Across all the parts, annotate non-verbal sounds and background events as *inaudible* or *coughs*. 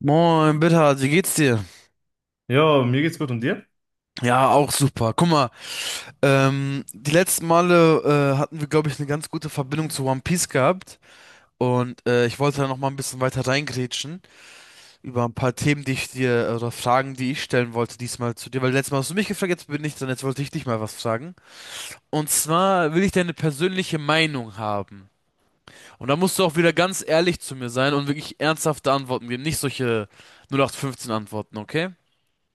Moin, Bitter, wie geht's dir? Jo, mir geht's gut und dir? Ja, auch super. Guck mal, die letzten Male hatten wir, glaube ich, eine ganz gute Verbindung zu One Piece gehabt. Und ich wollte da noch mal ein bisschen weiter reingrätschen über ein paar Themen, die ich dir oder Fragen, die ich stellen wollte diesmal zu dir. Weil letztes Mal hast du mich gefragt, jetzt bin ich dran, jetzt wollte ich dich mal was fragen. Und zwar will ich deine persönliche Meinung haben. Und da musst du auch wieder ganz ehrlich zu mir sein und wirklich ernsthafte Antworten geben, nicht solche null acht fünfzehn Antworten, okay?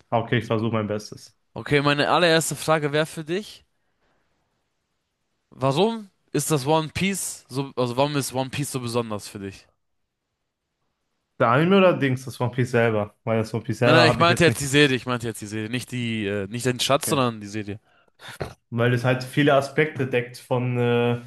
Ah, okay, ich versuche mein Bestes. Okay, meine allererste Frage wäre für dich. Warum ist das One Piece so, also warum ist One Piece so besonders für dich? Der Anime oder Dings, das One Piece selber? Weil das One Piece Nein, selber nein, ich habe ich meinte jetzt jetzt die nicht. Serie, ich meinte jetzt die Serie, nicht die, nicht den Schatz, Okay, sondern die Serie. weil es halt viele Aspekte deckt von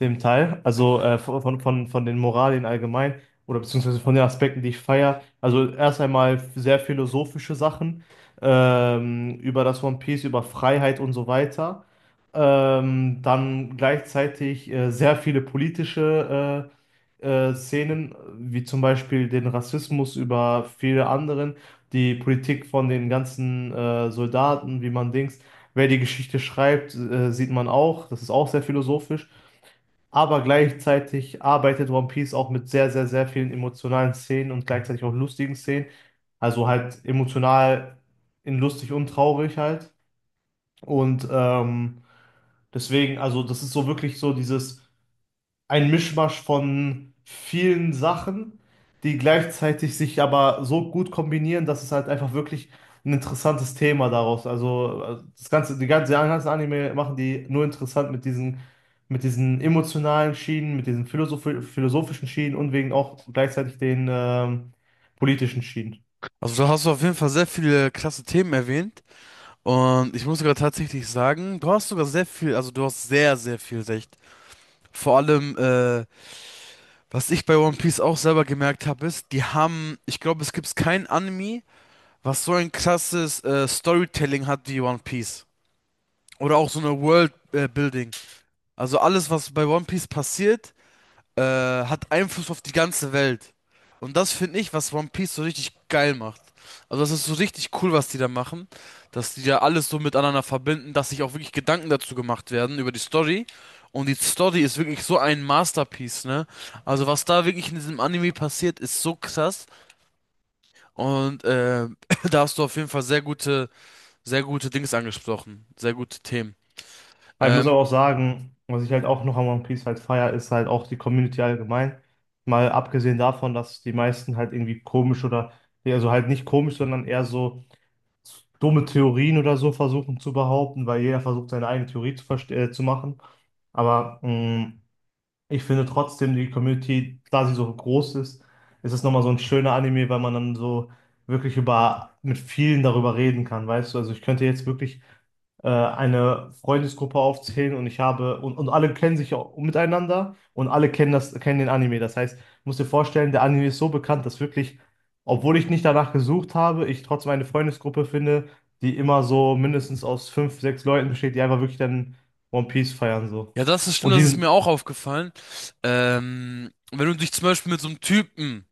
dem Teil, also von, von den Moralien allgemein oder beziehungsweise von den Aspekten, die ich feiere. Also erst einmal sehr philosophische Sachen über das One Piece, über Freiheit und so weiter. Dann gleichzeitig sehr viele politische Szenen, wie zum Beispiel den Rassismus über viele anderen, die Politik von den ganzen Soldaten, wie man Dings, wer die Geschichte schreibt, sieht man auch. Das ist auch sehr philosophisch, aber gleichzeitig arbeitet One Piece auch mit sehr, sehr, sehr vielen emotionalen Szenen und gleichzeitig auch lustigen Szenen. Also halt emotional in lustig und traurig halt. Und deswegen, also das ist so wirklich so dieses, ein Mischmasch von vielen Sachen, die gleichzeitig sich aber so gut kombinieren, dass es halt einfach wirklich ein interessantes Thema daraus. Also das ganze, die ganzen Anime machen die nur interessant mit diesen emotionalen Schienen, mit diesen philosophischen Schienen und wegen auch gleichzeitig den politischen Schienen. Also da hast du auf jeden Fall sehr viele klasse Themen erwähnt und ich muss sogar tatsächlich sagen, du hast sogar sehr viel, also du hast sehr, sehr viel recht. Vor allem, was ich bei One Piece auch selber gemerkt habe, ist, die haben, ich glaube, es gibt kein Anime, was so ein krasses Storytelling hat wie One Piece. Oder auch so eine World Building. Also alles, was bei One Piece passiert, hat Einfluss auf die ganze Welt. Und das finde ich, was One Piece so richtig geil macht. Also das ist so richtig cool, was die da machen, dass die da alles so miteinander verbinden, dass sich auch wirklich Gedanken dazu gemacht werden über die Story. Und die Story ist wirklich so ein Masterpiece, ne? Also was da wirklich in diesem Anime passiert, ist so krass. Und *clears throat* da hast du auf jeden Fall sehr gute Dings angesprochen, sehr gute Themen. Aber ich muss aber Ähm, auch sagen, was ich halt auch noch an One Piece halt feier, ist halt auch die Community allgemein. Mal abgesehen davon, dass die meisten halt irgendwie komisch oder, also halt nicht komisch, sondern eher so dumme Theorien oder so versuchen zu behaupten, weil jeder versucht, seine eigene Theorie zu, zu machen. Aber ich finde trotzdem, die Community, da sie so groß ist, ist es nochmal so ein schöner Anime, weil man dann so wirklich über, mit vielen darüber reden kann, weißt du? Also ich könnte jetzt wirklich eine Freundesgruppe aufzählen und ich habe, und alle kennen sich auch miteinander und alle kennen das, kennen den Anime. Das heißt, ich muss dir vorstellen, der Anime ist so bekannt, dass wirklich, obwohl ich nicht danach gesucht habe, ich trotzdem eine Freundesgruppe finde, die immer so mindestens aus fünf, sechs Leuten besteht, die einfach wirklich dann One Piece feiern, so. Ja, das ist stimmt, Und das die ist sind, mir auch aufgefallen. Wenn du dich zum Beispiel mit so einem Typen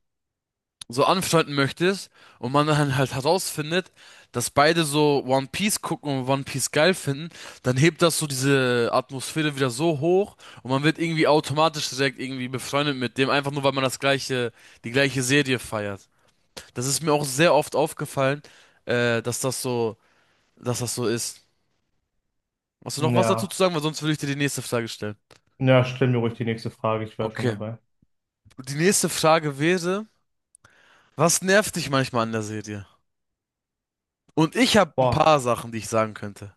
so anfreunden möchtest und man dann halt herausfindet, dass beide so One Piece gucken und One Piece geil finden, dann hebt das so diese Atmosphäre wieder so hoch und man wird irgendwie automatisch direkt irgendwie befreundet mit dem, einfach nur weil man das gleiche, die gleiche Serie feiert. Das ist mir auch sehr oft aufgefallen, äh, dass das so, dass das so ist. Hast du noch was dazu zu ja. sagen? Weil sonst würde ich dir die nächste Frage stellen. Ja, stell mir ruhig die nächste Frage, ich wäre schon Okay. dabei. Die nächste Frage wäre, was nervt dich manchmal an der Serie? Und ich habe ein Boah, paar Sachen, die ich sagen könnte.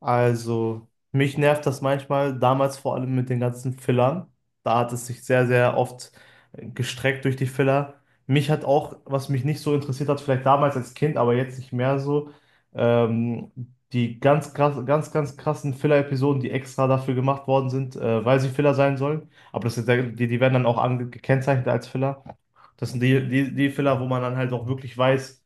also, mich nervt das manchmal, damals vor allem mit den ganzen Fillern. Da hat es sich sehr, sehr oft gestreckt durch die Filler. Mich hat auch, was mich nicht so interessiert hat, vielleicht damals als Kind, aber jetzt nicht mehr so, ähm, die ganz krass, ganz, ganz krassen Filler-Episoden, die extra dafür gemacht worden sind, weil sie Filler sein sollen. Aber das sind, ja, die, die werden dann auch gekennzeichnet als Filler. Das sind die, die Filler, wo man dann halt auch wirklich weiß,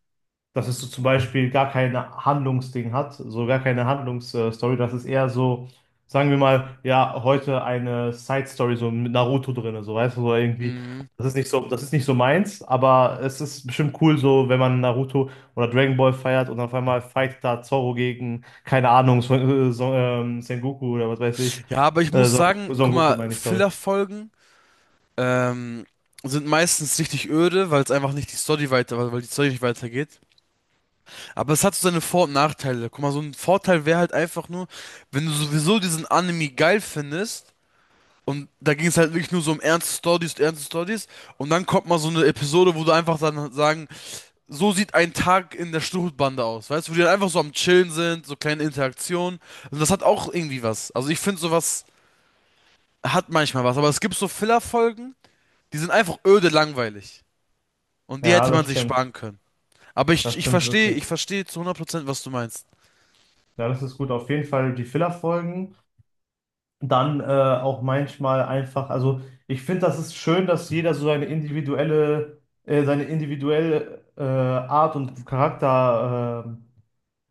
dass es so zum Beispiel gar keine Handlungsding hat, so gar keine Handlungsstory. Das ist eher so, sagen wir mal, ja, heute eine Side-Story, so mit Naruto drin, so weißt du, so irgendwie. Mhm. Das ist nicht so, das ist nicht so meins, aber es ist bestimmt cool, so wenn man Naruto oder Dragon Ball feiert und auf einmal fightet da Zorro gegen, keine Ahnung, Sengoku oder was weiß ich. Ja, aber ich muss sagen, Son guck Goku mal, meine ich, sorry. Filler-Folgen ähm, sind meistens richtig öde, weil es einfach nicht die Story weiter, weil die Story nicht weitergeht. Aber es hat so seine Vor- und Nachteile. Guck mal, so ein Vorteil wäre halt einfach nur, wenn du sowieso diesen Anime geil findest. Und da ging es halt wirklich nur so um ernste Stories, ernste Stories. Und dann kommt mal so eine Episode, wo du einfach dann sagen so sieht ein Tag in der Stuhlbande aus, weißt du, wo die dann einfach so am Chillen sind, so kleine Interaktionen. Und das hat auch irgendwie was. Also ich finde, sowas hat manchmal was, aber es gibt so Filler-Folgen, die sind einfach öde langweilig. Und die Ja, hätte das man sich stimmt. sparen können. Aber ich, Das ich stimmt verstehe, ich wirklich. verstehe zu 100%, was du meinst. *coughs* Ja, das ist gut. Auf jeden Fall die Filler-Folgen. Dann auch manchmal einfach, also ich finde, das ist schön, dass jeder so seine individuelle Art und Charakterweise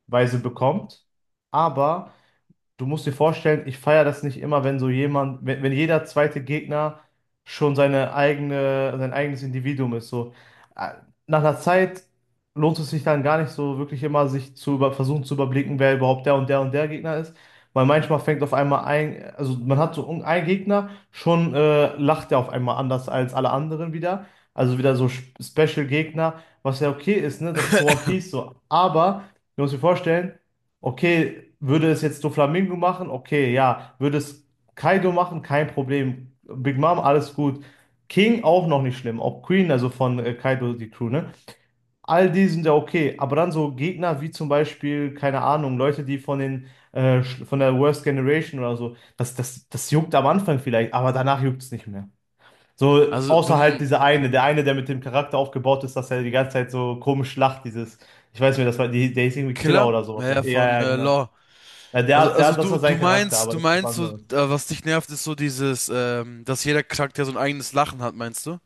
Weise bekommt. Aber du musst dir vorstellen, ich feiere das nicht immer, wenn so jemand, wenn, wenn jeder zweite Gegner schon seine eigene, sein eigenes Individuum ist. So, Äh, nach einer Zeit lohnt es sich dann gar nicht so wirklich immer, sich zu über, versuchen zu überblicken, wer überhaupt der und der und der Gegner ist. Weil manchmal fängt auf einmal ein, also man hat so einen Gegner, schon lacht er auf einmal anders als alle anderen wieder. Also wieder so Special-Gegner, was ja okay ist, ne? Das ist so One Piece *laughs* so. Aber, du musst dir vorstellen, okay, würde es jetzt Doflamingo machen? Okay, ja. Würde es Kaido machen? Kein Problem. Big Mom, alles gut. King auch noch nicht schlimm. Auch Queen, also von Kaido, die Crew, ne? All die sind ja okay. Aber dann so Gegner wie zum Beispiel, keine Ahnung, Leute, die von den, von der Worst Generation oder so, das, das, das juckt am Anfang vielleicht, aber danach juckt es nicht mehr. So, Also, du außer halt m- dieser eine, der mit dem Charakter aufgebaut ist, dass er die ganze Zeit so komisch lacht, dieses, ich weiß nicht, das war, die, der hieß irgendwie Killer Killer? oder sowas. Naja, von Ja, ja, genau. Law. Ja, der, der, Also das du, war sein Charakter, aber du das ist was meinst so, anderes. was dich nervt, ist so dieses, dass jeder Charakter so ein eigenes Lachen hat, meinst du?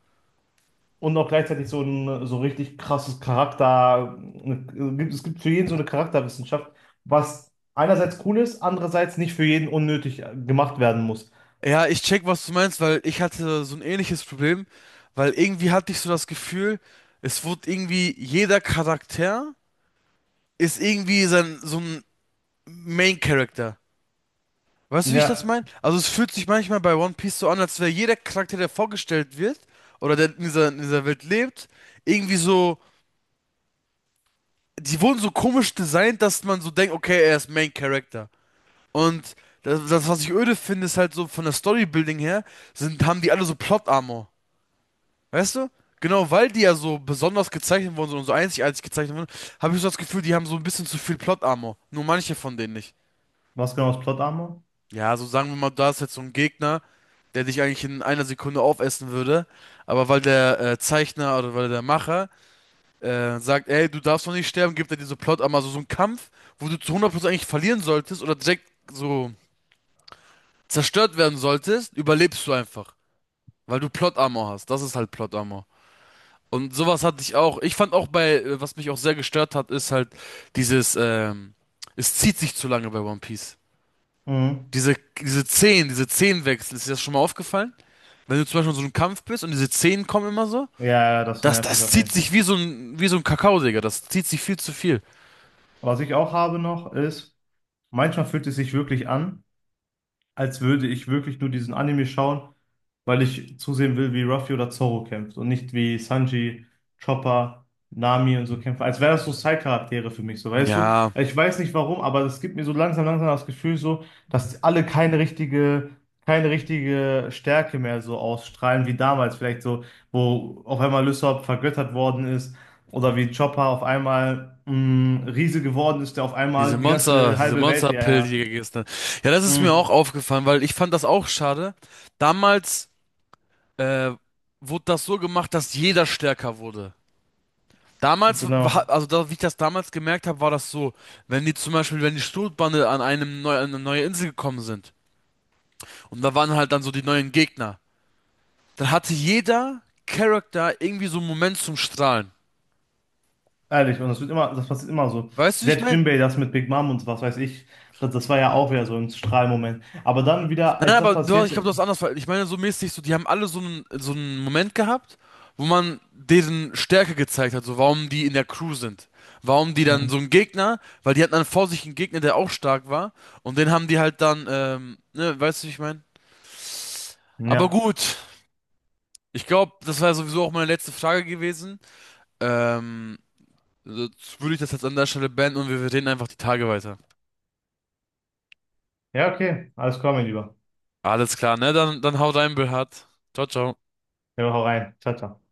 Und auch gleichzeitig so ein so richtig krasses Charakter. eine- Es gibt für jeden so eine Charakterwissenschaft, was einerseits cool ist, andererseits nicht für jeden unnötig gemacht werden muss. Ja, ich check, was du meinst, weil ich hatte so ein ähnliches Problem, weil irgendwie hatte ich so das Gefühl, es wurde irgendwie jeder Charakter ist irgendwie sein, so ein Main Character. Weißt du, wie ich das Ja, meine? Also es fühlt sich manchmal bei One Piece so an, als wäre jeder Charakter, der vorgestellt wird oder der in dieser Welt lebt, irgendwie so, die wurden so komisch designt, dass man so denkt, okay, er ist Main Character. Und das, das, was ich öde finde, ist halt so von der Storybuilding her, sind, haben die alle so Plot Armor. Weißt du? Genau, weil die ja so besonders gezeichnet wurden so, und so einzigartig gezeichnet wurden, habe ich so das Gefühl, die haben so ein bisschen zu viel Plot-Armor. Nur manche von denen nicht. was genau ist Plot Armor? Ja, so sagen wir mal, da ist jetzt so ein Gegner, der dich eigentlich in einer Sekunde aufessen würde. Aber weil der Zeichner oder weil der Macher sagt, ey, du darfst noch nicht sterben, gibt er dir so Plot-Armor, so so einen Kampf, wo du zu 100% eigentlich verlieren solltest oder direkt so zerstört werden solltest, überlebst du einfach. Weil du Plot-Armor hast. Das ist halt Plot-Armor. Und sowas hatte ich auch. Ich fand auch bei, was mich auch sehr gestört hat, ist halt dieses, es zieht sich zu lange bei One Piece. Mhm. Diese, diese Szenen, diese Szenenwechsel, ist dir das schon mal aufgefallen? Wenn du zum Beispiel in so einem Kampf bist und diese Szenen kommen immer so, Ja, ja, das das, nervt mich das auf jeden zieht Fall. sich wie so ein Kakao, Digga. Das zieht sich viel zu viel. Was ich auch habe noch ist, manchmal fühlt es sich wirklich an, als würde ich wirklich nur diesen Anime schauen, weil ich zusehen will, wie Ruffy oder Zoro kämpft und nicht wie Sanji, Chopper, Nami und so kämpfen. Als wären das so Side-Charaktere für mich, so weißt du? Ja, Ich weiß nicht warum, aber es gibt mir so langsam, langsam das Gefühl so, dass alle keine richtige, keine richtige Stärke mehr so ausstrahlen wie damals, vielleicht so, wo auf einmal Lysop vergöttert worden ist oder wie Chopper auf einmal Riese geworden ist, der auf diese einmal die Monster, ganze diese halbe Welt, ja, Monsterpill, ja. die gestern. Ja, das ist mir Mh, auch aufgefallen, weil ich fand das auch schade. Damals, äh, wurde das so gemacht, dass jeder stärker wurde. Damals, genau. war- also da, wie ich das damals gemerkt habe, war das so, wenn die zum Beispiel, wenn die Sturmbanne an einem neu, an eine neue Insel gekommen sind und da waren halt dann so die neuen Gegner, dann hatte jeder Charakter irgendwie so einen Moment zum Strahlen. Ehrlich, und das wird immer, das passiert immer so. Weißt du, wie ich Selbst meine? Jinbei, das mit Big Mom und was weiß ich, das, das war ja auch wieder so ein Strahlmoment. Aber dann wieder, Nein, nein, als das aber du, hast- passiert. ich glaube, du hast anders. Ver- Ich meine, so mäßig, so, die haben alle so einen Moment gehabt, wo man deren Stärke gezeigt hat, so warum die in der Crew sind. Warum die dann Hm, so einen Gegner, weil die hatten dann vor sich einen Gegner, der auch stark war. Und den haben die halt dann, ne, weißt du, wie ich meine? Aber Ja. gut, ich glaube, das war ja sowieso auch meine letzte Frage gewesen. Ähm, jetzt würde ich das jetzt an der Stelle beenden und wir reden einfach die Tage weiter. Ja, okay. Alles klar, mein Lieber. Alles klar, ne? Dann, dann hau rein, Bernhard. Ciao, ciao. Ja, hau rein. Ciao, ciao.